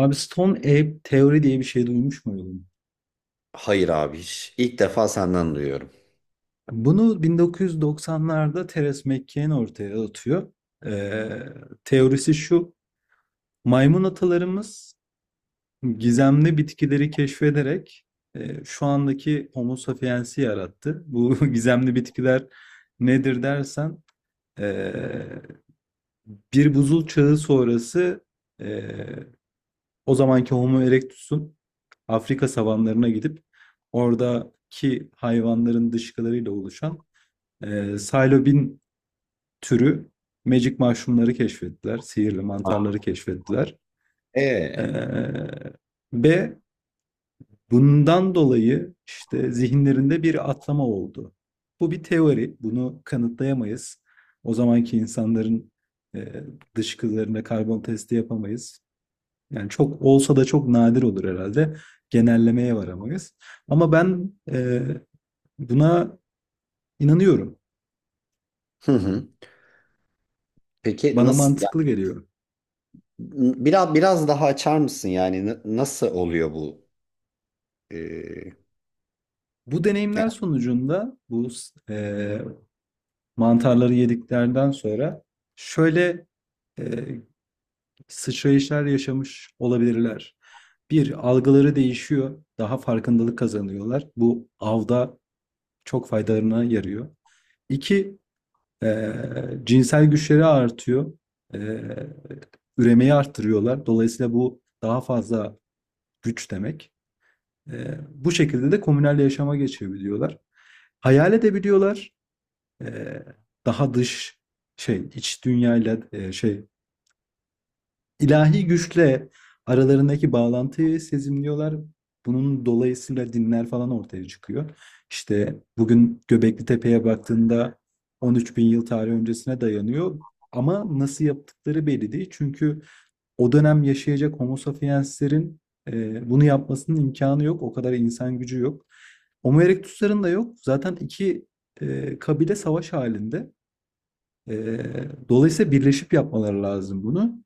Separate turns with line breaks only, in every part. Abi Stone Ape teori diye bir şey duymuş muydun?
Hayır abi hiç. İlk defa senden duyuyorum.
Bunu 1990'larda Teres McKean ortaya atıyor. Ee, Teorisi şu. Maymun atalarımız gizemli bitkileri keşfederek şu andaki Homo sapiens'i yarattı. Bu gizemli bitkiler nedir dersen e, bir buzul çağı sonrası e, o zamanki Homo erectus'un Afrika savanlarına gidip oradaki hayvanların dışkılarıyla oluşan Silobin türü magic mushroom'ları keşfettiler. Sihirli mantarları keşfettiler. E,
Ee,
Ve bundan dolayı işte zihinlerinde bir atlama oldu. Bu bir teori. Bunu kanıtlayamayız. O zamanki insanların e, dışkılarına karbon testi yapamayız. Yani çok olsa da çok nadir olur herhalde. Genellemeye varamayız. Ama ben buna inanıyorum.
hı hı. Peki
Bana
nasıl ya
mantıklı geliyor.
biraz daha açar mısın yani, nasıl oluyor bu? Ee,
Bu deneyimler
ya
sonucunda bu e, mantarları yediklerden sonra şöyle e, sıçrayışlar yaşamış olabilirler. Bir, algıları değişiyor. Daha farkındalık kazanıyorlar. Bu avda çok faydalarına yarıyor. İki, Ee, cinsel güçleri artıyor. Ee, üremeyi arttırıyorlar. Dolayısıyla bu daha fazla güç demek. Bu şekilde de komünel yaşama geçebiliyorlar. Hayal edebiliyorlar. Ee, Daha dış iç dünyayla İlahi güçle aralarındaki bağlantıyı sezimliyorlar. Bunun dolayısıyla dinler falan ortaya çıkıyor. İşte bugün Göbekli Tepe'ye baktığında 13 bin yıl tarih öncesine dayanıyor. Ama nasıl yaptıkları belli değil. Çünkü o dönem yaşayacak Homo sapienslerin bunu yapmasının imkanı yok. O kadar insan gücü yok. Homo erectus'ların da yok. Zaten iki kabile savaş halinde. E, Dolayısıyla birleşip yapmaları lazım bunu.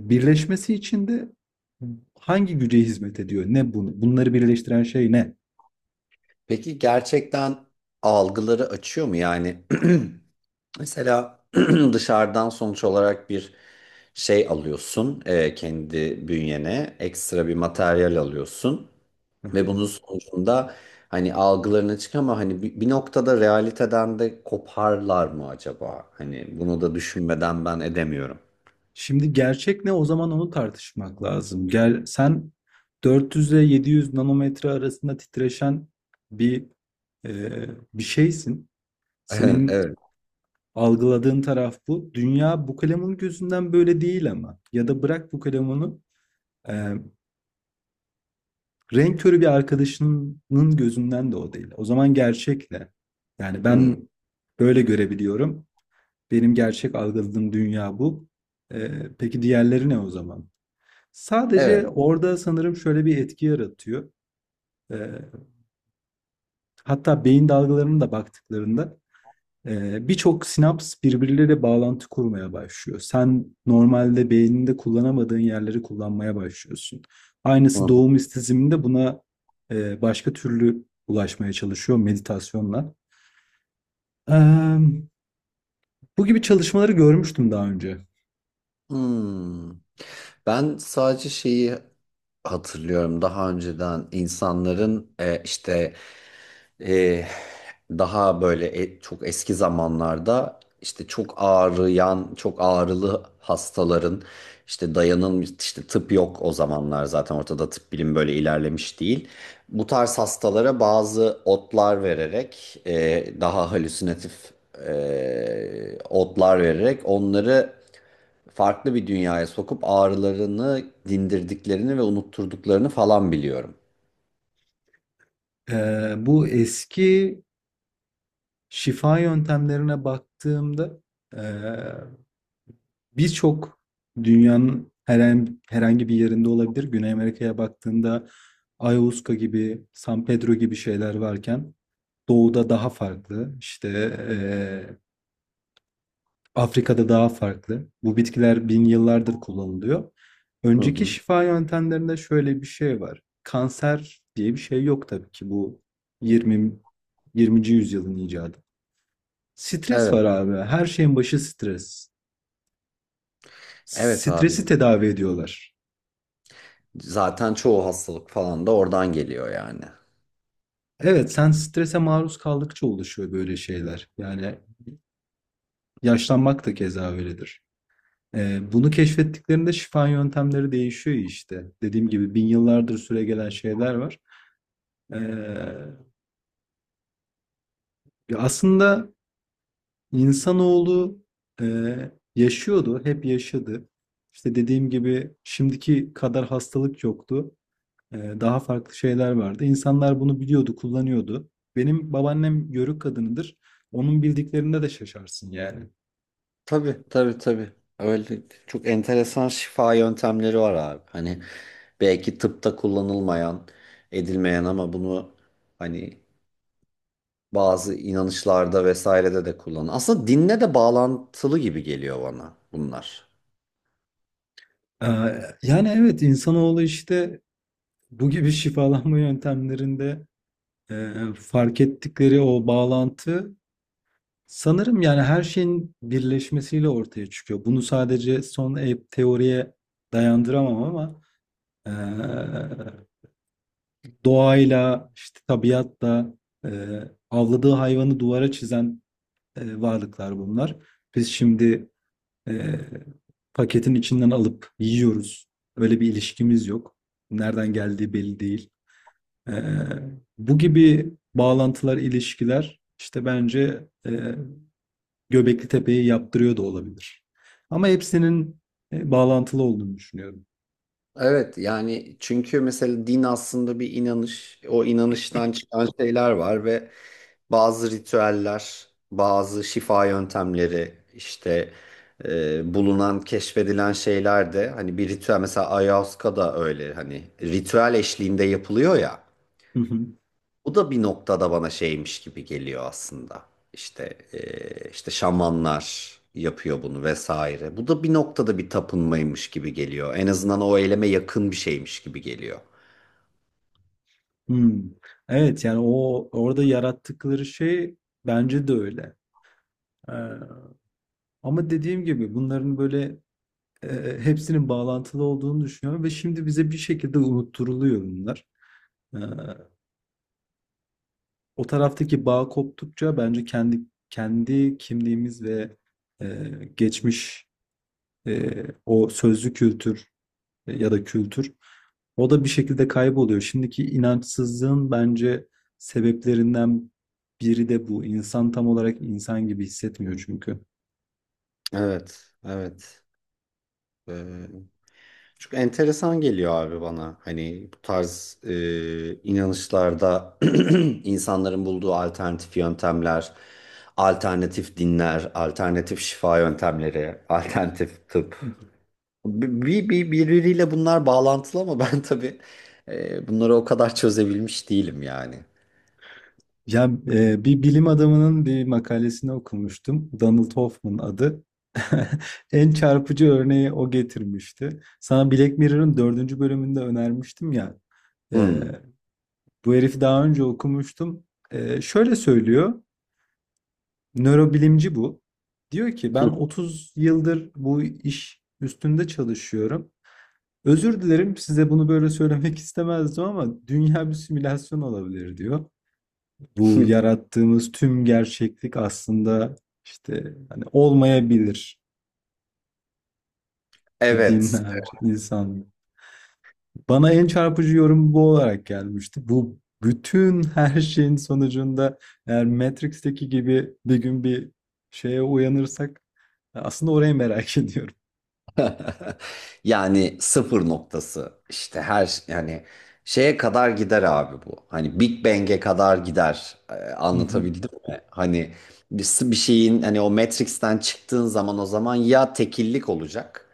Birleşmesi için de hangi güce hizmet ediyor? Ne bunu? Bunları birleştiren şey ne?
peki gerçekten algıları açıyor mu yani? Mesela dışarıdan sonuç olarak bir şey alıyorsun, kendi bünyene ekstra bir materyal alıyorsun.
Hı
Ve bunun
hı.
sonucunda hani algılarına çık ama hani bir noktada realiteden de koparlar mı acaba? Hani bunu da düşünmeden ben edemiyorum.
Şimdi gerçek ne? O zaman onu tartışmak lazım. Gel, sen 400 ile 700 nanometre arasında titreşen bir e, bir şeysin. Senin
Evet.
algıladığın taraf bu. Dünya bu kalemun gözünden böyle değil ama. Ya da bırak bu kalemunu e, renk körü bir arkadaşının gözünden de o değil. O zaman gerçekle. Yani
Hmm.
ben böyle görebiliyorum. Benim gerçek algıladığım dünya bu. E, peki diğerleri ne o zaman? Sadece
Evet.
orada sanırım şöyle bir etki yaratıyor. E, Hatta beyin dalgalarına da baktıklarında birçok sinaps birbirleriyle bağlantı kurmaya başlıyor. Sen normalde beyninde kullanamadığın yerleri kullanmaya başlıyorsun. Aynısı
Hmm.
doğum istizminde buna başka türlü ulaşmaya çalışıyor meditasyonla. Ee, Bu gibi çalışmaları görmüştüm daha önce.
Hmm. Ben sadece şeyi hatırlıyorum, daha önceden insanların, işte, e, daha böyle, çok eski zamanlarda, işte çok ağrıyan, çok ağrılı hastaların, işte dayanın, işte tıp yok o zamanlar, zaten ortada tıp bilim böyle ilerlemiş değil. Bu tarz hastalara bazı otlar vererek, daha halüsinatif otlar vererek onları farklı bir dünyaya sokup ağrılarını dindirdiklerini ve unutturduklarını falan biliyorum.
Bu eski şifa yöntemlerine baktığımda e, birçok dünyanın herhangi bir yerinde olabilir. Güney Amerika'ya baktığında Ayahuasca gibi, San Pedro gibi şeyler varken doğuda daha farklı. İşte eee, Afrika'da daha farklı. Bu bitkiler bin yıllardır kullanılıyor.
Hı
Önceki
hı.
şifa yöntemlerinde şöyle bir şey var. Kanser diye bir şey yok tabii ki bu 20 20. yüzyılın icadı. Stres
Evet,
var abi. Her şeyin başı stres.
evet abi.
Stresi tedavi ediyorlar.
Zaten çoğu hastalık falan da oradan geliyor yani.
Evet, sen strese maruz kaldıkça oluşuyor böyle şeyler. Yani yaşlanmak da keza öyledir. Bunu keşfettiklerinde şifa yöntemleri değişiyor işte. Dediğim gibi bin yıllardır süregelen şeyler var. Ee, Ya aslında insanoğlu e, yaşıyordu, hep yaşadı. İşte dediğim gibi şimdiki kadar hastalık yoktu. Daha farklı şeyler vardı. İnsanlar bunu biliyordu, kullanıyordu. Benim babaannem Yörük kadınıdır. Onun bildiklerinde de şaşarsın yani.
Tabii, tabii, tabii. Öyle çok enteresan şifa yöntemleri var abi. Hani belki tıpta kullanılmayan, edilmeyen ama bunu hani bazı inanışlarda vesairede de kullanılan. Aslında dinle de bağlantılı gibi geliyor bana bunlar.
Ee, Yani evet insanoğlu işte bu gibi şifalanma yöntemlerinde fark ettikleri o bağlantı sanırım yani her şeyin birleşmesiyle ortaya çıkıyor. Bunu sadece son teoriye dayandıramam ama e, doğayla işte tabiatla e, avladığı hayvanı duvara çizen varlıklar bunlar. Biz şimdi Ee, paketin içinden alıp yiyoruz. Öyle bir ilişkimiz yok. Nereden geldiği belli değil. Ee, Bu gibi bağlantılar, ilişkiler işte bence Göbekli Tepe'yi yaptırıyor da olabilir. Ama hepsinin bağlantılı olduğunu düşünüyorum.
Evet yani, çünkü mesela din aslında bir inanış. O inanıştan çıkan şeyler var ve bazı ritüeller, bazı şifa yöntemleri işte, bulunan, keşfedilen şeyler de hani bir ritüel, mesela Ayahuasca da öyle, hani ritüel eşliğinde yapılıyor ya.
Hı hı.
Bu da bir noktada bana şeymiş gibi geliyor aslında. İşte, işte şamanlar yapıyor bunu vesaire. Bu da bir noktada bir tapınmaymış gibi geliyor. En azından o eyleme yakın bir şeymiş gibi geliyor.
Hmm. Evet yani o orada yarattıkları şey bence de öyle. Ee, Ama dediğim gibi bunların böyle e, hepsinin bağlantılı olduğunu düşünüyorum ve şimdi bize bir şekilde unutturuluyor bunlar. E, O taraftaki bağ koptukça bence kendi kimliğimiz ve e, geçmiş o sözlü kültür ya da kültür o da bir şekilde kayboluyor. Şimdiki inançsızlığın bence sebeplerinden biri de bu. İnsan tam olarak insan gibi hissetmiyor çünkü.
Evet, evet. Eee, çünkü enteresan geliyor abi bana. Hani bu tarz, inanışlarda, insanların bulduğu alternatif yöntemler, alternatif dinler, alternatif şifa yöntemleri, alternatif tıp. Birbiriyle bunlar bağlantılı ama ben tabii, bunları o kadar çözebilmiş değilim yani.
Ya bir bilim adamının bir makalesini okumuştum. Donald Hoffman adı. En çarpıcı örneği o getirmişti. Sana Black Mirror'ın dördüncü bölümünde önermiştim ya. E,
Hmm.
Bu herifi daha önce okumuştum. Şöyle söylüyor. Nörobilimci bu. Diyor ki ben 30 yıldır bu iş üstünde çalışıyorum. Özür dilerim size bunu böyle söylemek istemezdim ama dünya bir simülasyon olabilir diyor. Bu yarattığımız tüm gerçeklik aslında işte hani olmayabilir bu
Evet.
dinler, insan. Bana en çarpıcı yorum bu olarak gelmişti. Bu bütün her şeyin sonucunda eğer Matrix'teki gibi bir gün bir şeye uyanırsak aslında orayı merak ediyorum.
Yani sıfır noktası işte, her yani şeye kadar gider abi bu. Hani Big Bang'e kadar gider. Ee, anlatabildim mi? Hani bir şeyin, hani o Matrix'ten çıktığın zaman, o zaman ya tekillik olacak,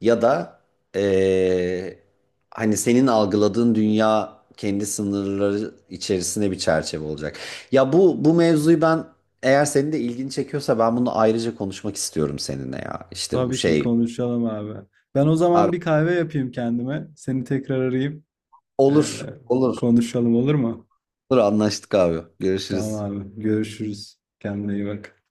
ya da eee, hani senin algıladığın dünya kendi sınırları içerisinde bir çerçeve olacak. Ya bu mevzuyu ben, eğer senin de ilgini çekiyorsa, ben bunu ayrıca konuşmak istiyorum seninle ya. İşte bu
Tabii ki
şey
konuşalım abi. Ben o zaman
abi,
bir kahve yapayım kendime. Seni tekrar arayayım. Ee,
olur, olur,
Konuşalım olur mu?
olur, anlaştık abi.
Tamam
Görüşürüz.
abi. Görüşürüz. Kendine iyi bak.